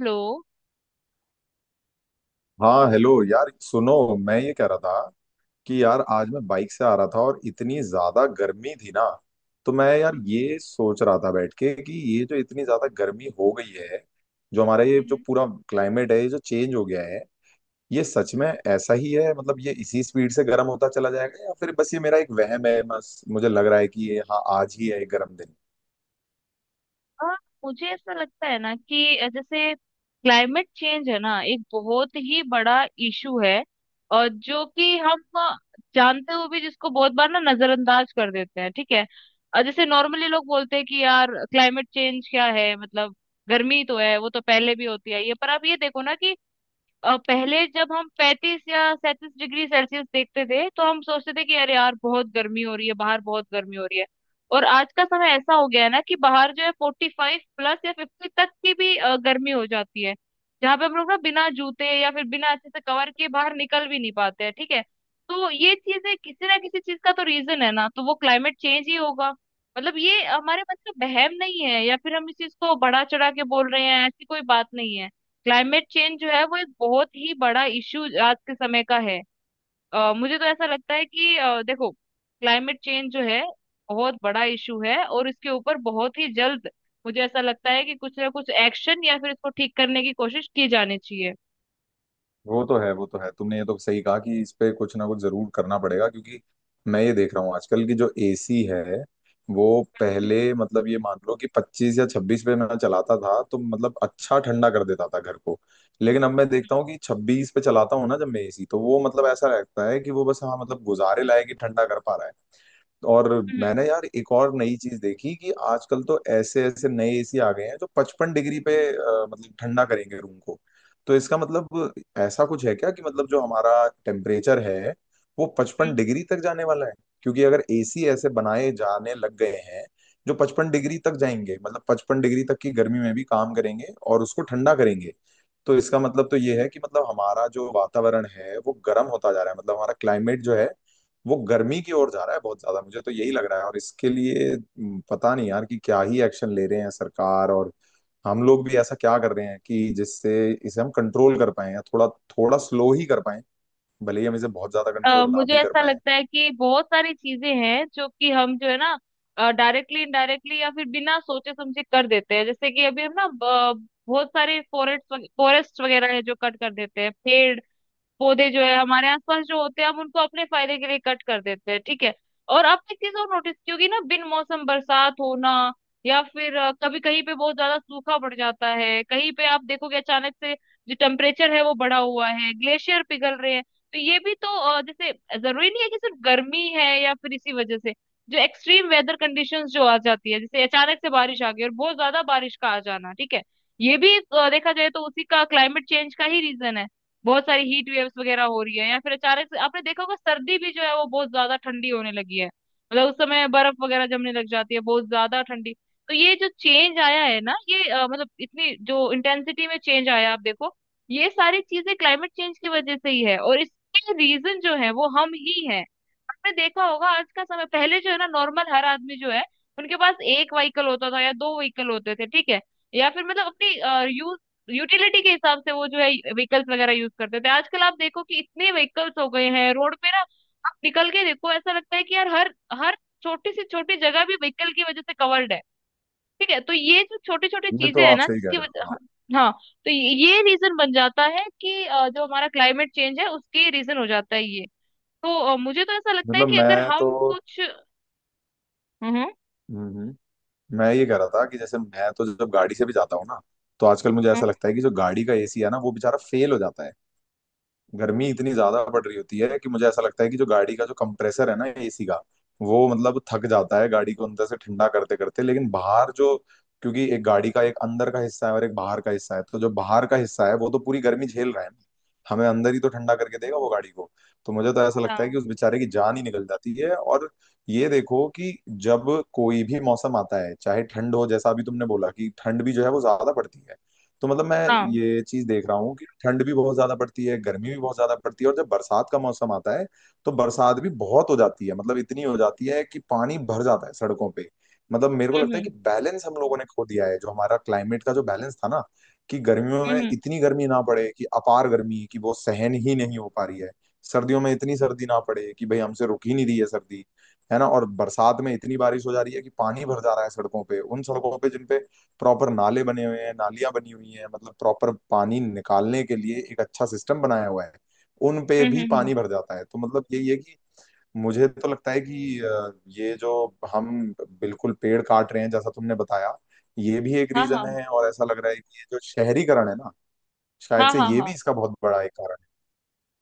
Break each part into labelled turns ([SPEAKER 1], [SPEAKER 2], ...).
[SPEAKER 1] लो।
[SPEAKER 2] हाँ हेलो यार सुनो। मैं ये कह रहा था कि यार आज मैं बाइक से आ रहा था और इतनी ज्यादा गर्मी थी ना। तो मैं यार
[SPEAKER 1] हम्म,
[SPEAKER 2] ये सोच रहा था बैठ के कि ये जो इतनी ज्यादा गर्मी हो गई है, जो हमारा ये जो
[SPEAKER 1] हम्म,
[SPEAKER 2] पूरा क्लाइमेट है ये जो चेंज हो गया है, ये सच में
[SPEAKER 1] हम्म,
[SPEAKER 2] ऐसा ही है मतलब ये इसी स्पीड से गर्म होता चला जाएगा या फिर बस ये मेरा एक वहम है, बस मुझे लग रहा है कि ये हाँ आज ही है एक गर्म दिन।
[SPEAKER 1] और मुझे ऐसा लगता है ना कि जैसे क्लाइमेट चेंज है ना एक बहुत ही बड़ा इशू है। और जो कि हम जानते हुए भी जिसको बहुत बार ना नजरअंदाज कर देते हैं, ठीक है। और जैसे नॉर्मली लोग बोलते हैं कि यार क्लाइमेट चेंज क्या है, मतलब गर्मी तो है वो तो पहले भी होती आई है, पर आप ये देखो ना कि पहले जब हम 35 या 37 डिग्री सेल्सियस देखते थे तो हम सोचते थे कि अरे यार बहुत गर्मी हो रही है, बाहर बहुत गर्मी हो रही है। और आज का समय ऐसा हो गया है ना कि बाहर जो है 45 प्लस या 50 तक की भी गर्मी हो जाती है, जहाँ पे हम लोग ना बिना जूते या फिर बिना अच्छे से कवर के बाहर निकल भी नहीं पाते हैं, ठीक है। तो ये चीजें किसी ना किसी चीज का तो रीजन है ना, तो वो क्लाइमेट चेंज ही होगा। मतलब ये हमारे मन का बहम नहीं है या फिर हम इस चीज को बढ़ा चढ़ा के बोल रहे हैं, ऐसी कोई बात नहीं है। क्लाइमेट चेंज जो है वो एक बहुत ही बड़ा इश्यू आज के समय का है। मुझे तो ऐसा लगता है कि देखो क्लाइमेट चेंज जो है बहुत बड़ा इशू है, और इसके ऊपर बहुत ही जल्द मुझे ऐसा लगता है कि कुछ ना कुछ एक्शन या फिर इसको ठीक करने की कोशिश की जानी चाहिए।
[SPEAKER 2] वो तो है वो तो है, तुमने ये तो सही कहा कि इस पे कुछ ना कुछ जरूर करना पड़ेगा, क्योंकि मैं ये देख रहा हूँ आजकल की जो एसी है, वो
[SPEAKER 1] हम्म,
[SPEAKER 2] पहले मतलब ये मान लो कि पच्चीस या छब्बीस पे मैं चलाता था तो मतलब अच्छा ठंडा कर देता था घर को। लेकिन अब मैं देखता हूँ कि छब्बीस पे चलाता हूँ ना जब मैं एसी, तो वो मतलब ऐसा लगता है कि वो बस हाँ मतलब गुजारे लायक ही ठंडा कर पा रहा है। और
[SPEAKER 1] हम्म,
[SPEAKER 2] मैंने यार एक और नई चीज देखी कि आजकल तो ऐसे ऐसे नए एसी आ गए हैं जो पचपन डिग्री पे मतलब ठंडा करेंगे रूम को। तो इसका मतलब ऐसा कुछ है क्या कि मतलब जो हमारा टेम्परेचर है वो पचपन
[SPEAKER 1] हम्म,
[SPEAKER 2] डिग्री तक जाने वाला है। क्योंकि अगर एसी ऐसे बनाए जाने लग गए हैं जो पचपन डिग्री तक जाएंगे मतलब पचपन डिग्री तक की गर्मी में भी काम करेंगे और उसको ठंडा करेंगे, तो इसका मतलब तो ये है कि मतलब हमारा जो वातावरण है वो गर्म होता जा रहा है, मतलब हमारा क्लाइमेट जो है वो गर्मी की ओर जा रहा है बहुत ज्यादा। मुझे तो यही लग रहा है। और इसके लिए पता नहीं यार कि क्या ही एक्शन ले रहे हैं सरकार, और हम लोग भी ऐसा क्या कर रहे हैं कि जिससे इसे हम कंट्रोल कर पाए या थोड़ा थोड़ा स्लो ही कर पाए, भले ही हम इसे बहुत ज्यादा कंट्रोल ना
[SPEAKER 1] मुझे
[SPEAKER 2] भी कर
[SPEAKER 1] ऐसा
[SPEAKER 2] पाए।
[SPEAKER 1] लगता है कि बहुत सारी चीजें हैं जो कि हम जो है ना डायरेक्टली इनडायरेक्टली या फिर बिना सोचे समझे कर देते हैं, जैसे कि अभी हम ना बहुत सारे फॉरेस्ट फॉरेस्ट वगैरह है जो कट कर देते हैं, पेड़ पौधे जो है हमारे आसपास जो होते हैं हम उनको अपने फायदे के लिए कट कर देते हैं, ठीक है। और आपने एक चीज और नोटिस की होगी ना, बिन मौसम बरसात होना, या फिर कभी कहीं पे बहुत ज्यादा सूखा पड़ जाता है, कहीं पे आप देखोगे अचानक से जो टेम्परेचर है वो बढ़ा हुआ है, ग्लेशियर पिघल रहे हैं। तो ये भी तो जैसे जरूरी नहीं है कि सिर्फ गर्मी है, या फिर इसी वजह से जो एक्सट्रीम वेदर कंडीशंस जो आ जाती है, जैसे अचानक से बारिश आ गई और बहुत ज्यादा बारिश का आ जाना, ठीक है। ये भी देखा जाए तो उसी का, क्लाइमेट चेंज का ही रीजन है। बहुत सारी हीट वेव्स वगैरह हो रही है, या फिर अचानक से आपने देखा होगा सर्दी भी जो है वो बहुत ज्यादा ठंडी होने लगी है, मतलब उस समय बर्फ वगैरह जमने लग जाती है बहुत ज्यादा ठंडी। तो ये जो चेंज आया है ना ये मतलब इतनी जो इंटेंसिटी में चेंज आया आप देखो, ये सारी चीजें क्लाइमेट चेंज की वजह से ही है, और इसके रीजन जो है वो हम ही हैं। आपने देखा होगा, आज का समय पहले जो है ना, नॉर्मल हर आदमी जो है उनके पास एक व्हीकल होता था या दो व्हीकल होते थे, ठीक है। या फिर मतलब अपनी यूटिलिटी के हिसाब से वो जो है व्हीकल्स वगैरह यूज करते थे। आजकल आप देखो कि इतने व्हीकल्स हो गए हैं रोड पे ना, आप निकल के देखो ऐसा लगता है कि यार हर हर छोटी सी छोटी जगह भी व्हीकल की वजह से कवर्ड है, ठीक है। तो ये जो छोटी छोटी
[SPEAKER 2] ये
[SPEAKER 1] चीजें
[SPEAKER 2] तो
[SPEAKER 1] है
[SPEAKER 2] आप
[SPEAKER 1] ना
[SPEAKER 2] सही कह
[SPEAKER 1] जिसकी
[SPEAKER 2] रहे
[SPEAKER 1] वजह,
[SPEAKER 2] हो,
[SPEAKER 1] हाँ,
[SPEAKER 2] हाँ।
[SPEAKER 1] हाँ, तो ये रीजन बन जाता है कि जो हमारा क्लाइमेट चेंज है उसके रीजन हो जाता है ये। तो मुझे तो ऐसा लगता है
[SPEAKER 2] मतलब
[SPEAKER 1] कि अगर
[SPEAKER 2] मैं
[SPEAKER 1] हम
[SPEAKER 2] तो,
[SPEAKER 1] कुछ, हम्म,
[SPEAKER 2] हम्म हम्म, मैं ये कह रहा था कि जैसे मैं तो जब गाड़ी से भी जाता हूँ ना, तो आजकल मुझे
[SPEAKER 1] हम्म,
[SPEAKER 2] ऐसा लगता है कि जो गाड़ी का एसी है ना वो बेचारा फेल हो जाता है। गर्मी इतनी ज्यादा पड़ रही होती है कि मुझे ऐसा लगता है कि जो गाड़ी का जो कंप्रेसर है ना एसी का, वो मतलब थक जाता है गाड़ी को अंदर से ठंडा करते करते। लेकिन बाहर जो, क्योंकि एक गाड़ी का एक अंदर का हिस्सा है और एक बाहर का हिस्सा है, तो जो बाहर का हिस्सा है वो तो पूरी गर्मी झेल रहा है ना। हमें अंदर ही तो ठंडा करके देगा वो गाड़ी को। तो मुझे तो ऐसा लगता है कि
[SPEAKER 1] हाँ,
[SPEAKER 2] उस बेचारे की जान ही निकल जाती है। और ये देखो कि जब कोई भी मौसम आता है, चाहे ठंड हो, जैसा अभी तुमने बोला कि ठंड भी जो है वो ज्यादा पड़ती है। तो मतलब मैं
[SPEAKER 1] हाँ,
[SPEAKER 2] ये चीज देख रहा हूँ कि ठंड भी बहुत ज्यादा पड़ती है, गर्मी भी बहुत ज्यादा पड़ती है, और जब बरसात का मौसम आता है तो बरसात भी बहुत हो जाती है, मतलब इतनी हो जाती है कि पानी भर जाता है सड़कों पे। मतलब मेरे को लगता है
[SPEAKER 1] हम्म,
[SPEAKER 2] कि बैलेंस हम लोगों ने खो दिया है, जो हमारा क्लाइमेट का जो बैलेंस था ना, कि गर्मियों
[SPEAKER 1] हम्म,
[SPEAKER 2] में
[SPEAKER 1] हम्म,
[SPEAKER 2] इतनी गर्मी ना पड़े कि अपार गर्मी कि वो सहन ही नहीं हो पा रही है, सर्दियों में इतनी सर्दी ना पड़े कि भाई हमसे रुक ही नहीं रही है सर्दी, है ना, और बरसात में इतनी बारिश हो जा रही है कि पानी भर जा रहा है सड़कों पे, उन सड़कों पे जिन पे प्रॉपर नाले बने हुए हैं, नालियां बनी हुई हैं, मतलब प्रॉपर पानी निकालने के लिए एक अच्छा सिस्टम बनाया हुआ है, उन पे
[SPEAKER 1] हम्म,
[SPEAKER 2] भी
[SPEAKER 1] हम्म,
[SPEAKER 2] पानी भर जाता है। तो मतलब यही है कि मुझे तो लगता है कि ये जो हम बिल्कुल पेड़ काट रहे हैं जैसा तुमने बताया, ये भी एक
[SPEAKER 1] हाँ,
[SPEAKER 2] रीजन
[SPEAKER 1] हाँ,
[SPEAKER 2] है, और ऐसा लग रहा है कि ये जो शहरीकरण है ना, शायद
[SPEAKER 1] हाँ,
[SPEAKER 2] से
[SPEAKER 1] हाँ, हाँ,
[SPEAKER 2] ये भी
[SPEAKER 1] हाँ।
[SPEAKER 2] इसका बहुत बड़ा एक कारण है।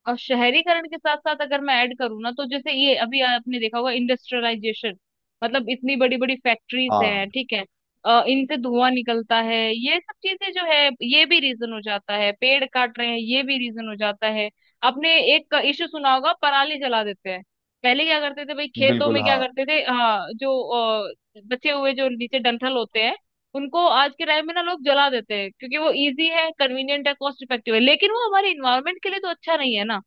[SPEAKER 1] और शहरीकरण के साथ साथ अगर मैं ऐड करूँ ना, तो जैसे ये अभी आपने देखा होगा इंडस्ट्रियलाइजेशन, मतलब इतनी बड़ी बड़ी फैक्ट्रीज
[SPEAKER 2] हाँ
[SPEAKER 1] हैं, ठीक है। इनसे धुआं निकलता है, ये सब चीजें जो है ये भी रीजन हो जाता है, पेड़ काट रहे हैं ये भी रीजन हो जाता है। आपने एक इशू सुना होगा, पराली जला देते हैं, पहले क्या करते थे भाई खेतों
[SPEAKER 2] बिल्कुल
[SPEAKER 1] में क्या
[SPEAKER 2] हाँ।
[SPEAKER 1] करते थे, हाँ, जो बचे हुए जो नीचे डंठल होते हैं उनको आज के टाइम में ना लोग जला देते हैं, क्योंकि वो इजी है, कन्वीनियंट है, कॉस्ट इफेक्टिव है, लेकिन वो हमारे इन्वायरमेंट के लिए तो अच्छा नहीं है ना,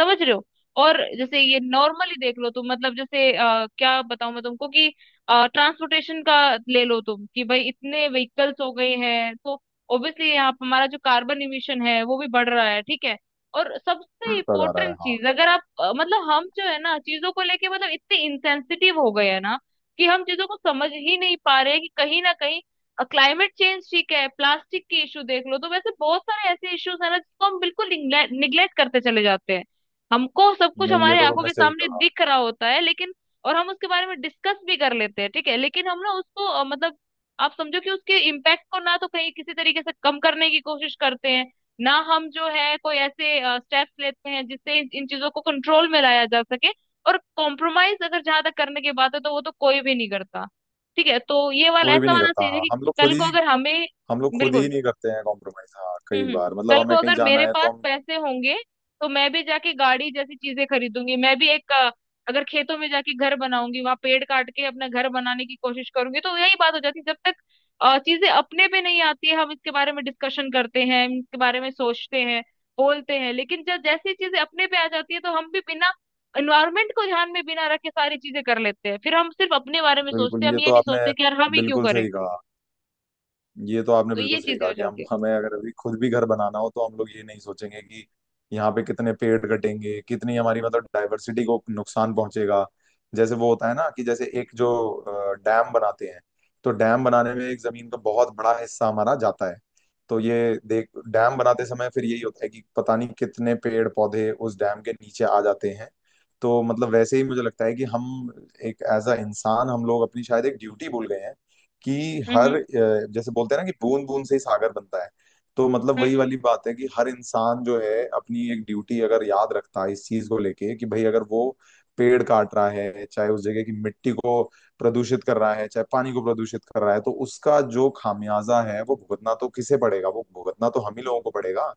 [SPEAKER 1] समझ रहे हो। और जैसे ये नॉर्मली देख लो तुम, मतलब जैसे क्या बताऊं मैं तुमको कि ट्रांसपोर्टेशन का ले लो तुम, कि भाई इतने व्हीकल्स हो गए हैं तो ऑब्वियसली यहाँ पे हमारा जो कार्बन इमिशन है वो भी बढ़ रहा है, ठीक है। और सबसे
[SPEAKER 2] बढ़ता जा रहा है,
[SPEAKER 1] इम्पोर्टेंट
[SPEAKER 2] हाँ।
[SPEAKER 1] चीज, अगर आप मतलब हम जो है ना चीजों को लेके, मतलब इतने इंसेंसिटिव हो गए हैं ना कि हम चीजों को समझ ही नहीं पा रहे हैं कि कहीं ना कहीं क्लाइमेट चेंज, ठीक है, प्लास्टिक के इशू देख लो, तो वैसे बहुत सारे ऐसे इश्यूज है ना जिसको हम बिल्कुल निग्लेक्ट करते चले जाते हैं। हमको सब कुछ
[SPEAKER 2] नहीं, ये
[SPEAKER 1] हमारे
[SPEAKER 2] तो
[SPEAKER 1] आंखों
[SPEAKER 2] तुमने
[SPEAKER 1] के
[SPEAKER 2] सही
[SPEAKER 1] सामने
[SPEAKER 2] कहा।
[SPEAKER 1] दिख रहा होता है लेकिन, और हम उसके बारे में डिस्कस भी कर लेते हैं, ठीक है, लेकिन हम ना उसको मतलब आप समझो कि उसके इम्पैक्ट को ना तो कहीं किसी तरीके से कम करने की कोशिश करते हैं, ना हम जो है कोई ऐसे स्टेप्स लेते हैं जिससे इन चीजों को कंट्रोल में लाया जा सके। और कॉम्प्रोमाइज अगर जहां तक करने की बात है तो वो तो कोई भी नहीं करता, ठीक है। तो ये वाला
[SPEAKER 2] कोई भी
[SPEAKER 1] ऐसा
[SPEAKER 2] नहीं
[SPEAKER 1] वाला
[SPEAKER 2] करता,
[SPEAKER 1] सीन है
[SPEAKER 2] हाँ।
[SPEAKER 1] कि
[SPEAKER 2] हम लोग खुद
[SPEAKER 1] कल को
[SPEAKER 2] ही,
[SPEAKER 1] अगर हमें,
[SPEAKER 2] हम लोग खुद ही
[SPEAKER 1] बिल्कुल,
[SPEAKER 2] नहीं करते हैं कॉम्प्रोमाइज, हाँ।
[SPEAKER 1] हम्म,
[SPEAKER 2] कई बार मतलब
[SPEAKER 1] कल को
[SPEAKER 2] हमें कहीं
[SPEAKER 1] अगर
[SPEAKER 2] जाना
[SPEAKER 1] मेरे
[SPEAKER 2] है
[SPEAKER 1] पास
[SPEAKER 2] तो हम,
[SPEAKER 1] पैसे होंगे, तो मैं भी जाके गाड़ी जैसी चीजें खरीदूंगी, मैं भी एक अगर खेतों में जाके घर बनाऊंगी, वहां पेड़ काट के अपना घर बनाने की कोशिश करूंगी, तो यही बात हो जाती है, जब तक चीजें अपने पे नहीं आती है हम इसके बारे में डिस्कशन करते हैं, इसके बारे में सोचते हैं, बोलते हैं। लेकिन जब जैसी चीजें अपने पे आ जाती है तो हम भी बिना एनवायरमेंट को ध्यान में बिना रखे सारी चीजें कर लेते हैं, फिर हम सिर्फ अपने बारे में सोचते
[SPEAKER 2] बिल्कुल।
[SPEAKER 1] हैं, हम
[SPEAKER 2] ये
[SPEAKER 1] ये
[SPEAKER 2] तो
[SPEAKER 1] नहीं
[SPEAKER 2] आपने
[SPEAKER 1] सोचते कि यार हम ही क्यों
[SPEAKER 2] बिल्कुल
[SPEAKER 1] करें।
[SPEAKER 2] सही कहा। ये तो आपने
[SPEAKER 1] तो
[SPEAKER 2] बिल्कुल
[SPEAKER 1] ये
[SPEAKER 2] सही
[SPEAKER 1] चीजें
[SPEAKER 2] कहा
[SPEAKER 1] हो
[SPEAKER 2] कि
[SPEAKER 1] जाती
[SPEAKER 2] हम
[SPEAKER 1] है,
[SPEAKER 2] हमें अगर अभी खुद भी घर बनाना हो तो हम लोग ये नहीं सोचेंगे कि यहाँ पे कितने पेड़ कटेंगे, कितनी हमारी मतलब डाइवर्सिटी को नुकसान पहुंचेगा। जैसे वो होता है ना कि जैसे एक जो डैम बनाते हैं, तो डैम बनाने में एक जमीन का बहुत बड़ा हिस्सा हमारा जाता है। तो ये देख, डैम बनाते समय फिर यही होता है कि पता नहीं कितने पेड़ पौधे उस डैम के नीचे आ जाते हैं। तो मतलब वैसे ही मुझे लगता है कि हम एक एज अ इंसान हम लोग अपनी शायद एक ड्यूटी भूल गए हैं, कि
[SPEAKER 1] हम्म,
[SPEAKER 2] हर
[SPEAKER 1] हम्म,
[SPEAKER 2] जैसे बोलते हैं ना कि बूंद बूंद से ही सागर बनता है। तो मतलब
[SPEAKER 1] हम्म,
[SPEAKER 2] वही वाली बात है कि हर इंसान जो है अपनी एक ड्यूटी अगर याद रखता है इस चीज को लेके, कि भाई अगर वो पेड़ काट रहा है, चाहे उस जगह की मिट्टी को प्रदूषित कर रहा है, चाहे पानी को प्रदूषित कर रहा है, तो उसका जो खामियाजा है वो भुगतना तो किसे पड़ेगा, वो भुगतना तो हम ही लोगों को पड़ेगा।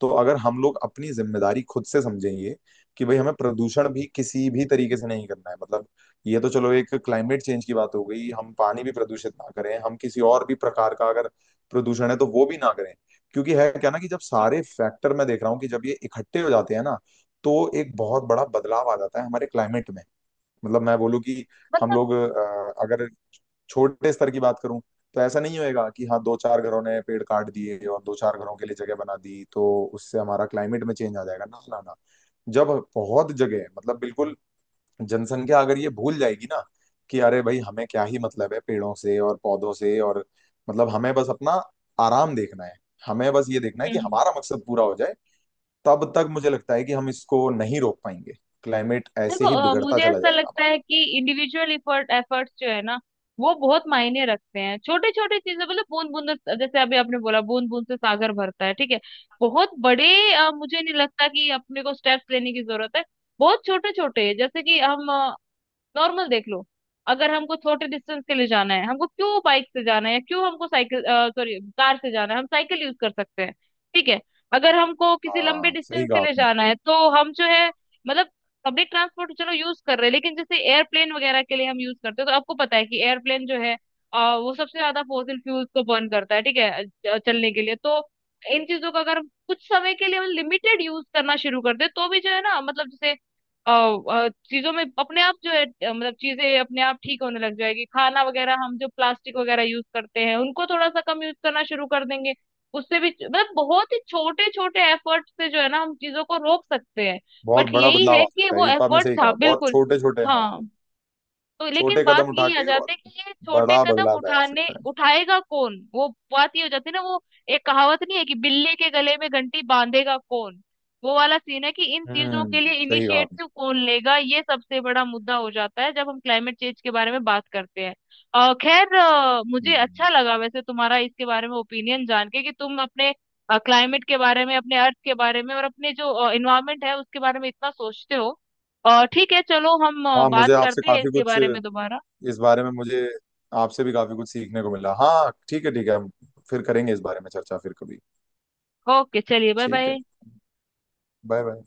[SPEAKER 2] तो अगर हम लोग अपनी जिम्मेदारी खुद से समझें ये, कि भाई हमें प्रदूषण भी किसी भी तरीके से नहीं करना है। मतलब ये तो चलो एक क्लाइमेट चेंज की बात हो गई, हम पानी भी प्रदूषित ना करें, हम किसी और भी प्रकार का अगर प्रदूषण है तो वो भी ना करें। क्योंकि है क्या ना कि जब
[SPEAKER 1] हम्म।
[SPEAKER 2] सारे फैक्टर मैं देख रहा हूँ कि जब ये इकट्ठे हो जाते हैं ना, तो एक बहुत बड़ा बदलाव आ जाता है हमारे क्लाइमेट में। मतलब मैं बोलूँ कि हम
[SPEAKER 1] मतलब,
[SPEAKER 2] लोग अगर छोटे स्तर की बात करूं, तो ऐसा नहीं होएगा कि हाँ दो चार घरों ने पेड़ काट दिए और दो चार घरों के लिए जगह बना दी तो उससे हमारा क्लाइमेट में चेंज आ जाएगा, ना ना ना। जब बहुत जगह है, मतलब बिल्कुल जनसंख्या अगर ये भूल जाएगी ना कि अरे भाई हमें क्या ही मतलब है पेड़ों से और पौधों से, और मतलब हमें बस अपना आराम देखना है, हमें बस ये देखना है कि
[SPEAKER 1] हम्म,
[SPEAKER 2] हमारा मकसद पूरा हो जाए, तब तक मुझे लगता है कि हम इसको नहीं रोक पाएंगे। क्लाइमेट ऐसे
[SPEAKER 1] देखो,
[SPEAKER 2] ही बिगड़ता
[SPEAKER 1] मुझे
[SPEAKER 2] चला
[SPEAKER 1] ऐसा
[SPEAKER 2] जाएगा
[SPEAKER 1] लगता
[SPEAKER 2] हमारा।
[SPEAKER 1] है कि इंडिविजुअल एफर्ट्स जो है ना वो बहुत मायने रखते हैं, छोटे छोटे चीजें, मतलब बूंद बूंद से- जैसे अभी आपने बोला बूंद बूंद से सागर भरता है, ठीक है। बहुत बड़े मुझे नहीं लगता कि अपने को स्टेप्स लेने की जरूरत है, बहुत छोटे छोटे, जैसे कि हम नॉर्मल देख लो, अगर हमको छोटे डिस्टेंस के लिए जाना है, हमको क्यों बाइक से जाना है, क्यों हमको साइकिल सॉरी कार से जाना है, हम साइकिल यूज कर सकते हैं, ठीक है। अगर हमको किसी लंबे
[SPEAKER 2] हाँ सही
[SPEAKER 1] डिस्टेंस के
[SPEAKER 2] कहा
[SPEAKER 1] लिए
[SPEAKER 2] आपने।
[SPEAKER 1] जाना है तो हम जो है मतलब पब्लिक ट्रांसपोर्ट चलो यूज कर रहे हैं, लेकिन जैसे एयरप्लेन वगैरह के लिए हम यूज करते हैं, तो आपको पता है कि एयरप्लेन जो है वो सबसे ज्यादा फॉसिल फ्यूल्स को बर्न करता है, ठीक है, चलने के लिए। तो इन चीजों का अगर हम कुछ समय के लिए लिमिटेड यूज करना शुरू कर दे तो भी जो है ना, मतलब जैसे चीजों में अपने आप जो है, मतलब चीजें अपने आप ठीक होने लग जाएगी, खाना वगैरह हम जो प्लास्टिक वगैरह यूज करते हैं उनको थोड़ा सा कम यूज करना शुरू कर देंगे, उससे भी मतलब बहुत ही छोटे छोटे एफर्ट से जो है ना हम चीजों को रोक सकते हैं।
[SPEAKER 2] बहुत
[SPEAKER 1] बट
[SPEAKER 2] बड़ा
[SPEAKER 1] यही
[SPEAKER 2] बदलाव
[SPEAKER 1] है
[SPEAKER 2] आ
[SPEAKER 1] कि
[SPEAKER 2] सकता है,
[SPEAKER 1] वो
[SPEAKER 2] ये तो आपने सही
[SPEAKER 1] एफर्ट्स, हाँ,
[SPEAKER 2] कहा, बहुत
[SPEAKER 1] बिल्कुल,
[SPEAKER 2] छोटे छोटे, हाँ।
[SPEAKER 1] हाँ। तो लेकिन
[SPEAKER 2] छोटे
[SPEAKER 1] बात
[SPEAKER 2] कदम उठा
[SPEAKER 1] यही आ
[SPEAKER 2] के और
[SPEAKER 1] जाती है कि ये छोटे
[SPEAKER 2] बड़ा
[SPEAKER 1] कदम
[SPEAKER 2] बदलाव लाया जा
[SPEAKER 1] उठाने,
[SPEAKER 2] सकता है।
[SPEAKER 1] उठाएगा कौन वो बात, ये हो जाती है ना वो, एक कहावत नहीं है कि बिल्ली के गले में घंटी बांधेगा कौन, वो वाला सीन है कि इन चीजों
[SPEAKER 2] हम्म,
[SPEAKER 1] के लिए
[SPEAKER 2] सही कहा आपने।
[SPEAKER 1] इनिशिएटिव कौन लेगा, ये सबसे बड़ा मुद्दा हो जाता है जब हम क्लाइमेट चेंज के बारे में बात करते हैं। खैर मुझे अच्छा
[SPEAKER 2] हम्म।
[SPEAKER 1] लगा वैसे तुम्हारा इसके बारे में ओपिनियन जान के, कि तुम अपने क्लाइमेट के बारे में, अपने अर्थ के बारे में, और अपने जो इन्वायरमेंट है उसके बारे में इतना सोचते हो। और ठीक है, चलो हम
[SPEAKER 2] हाँ
[SPEAKER 1] बात
[SPEAKER 2] मुझे आपसे
[SPEAKER 1] करते हैं
[SPEAKER 2] काफी
[SPEAKER 1] इसके
[SPEAKER 2] कुछ,
[SPEAKER 1] बारे में दोबारा।
[SPEAKER 2] इस बारे में मुझे आपसे भी काफी कुछ सीखने को मिला, हाँ। ठीक है ठीक है, हम फिर करेंगे इस बारे में चर्चा फिर कभी।
[SPEAKER 1] ओके, चलिए, बाय
[SPEAKER 2] ठीक है।
[SPEAKER 1] बाय।
[SPEAKER 2] Bye bye.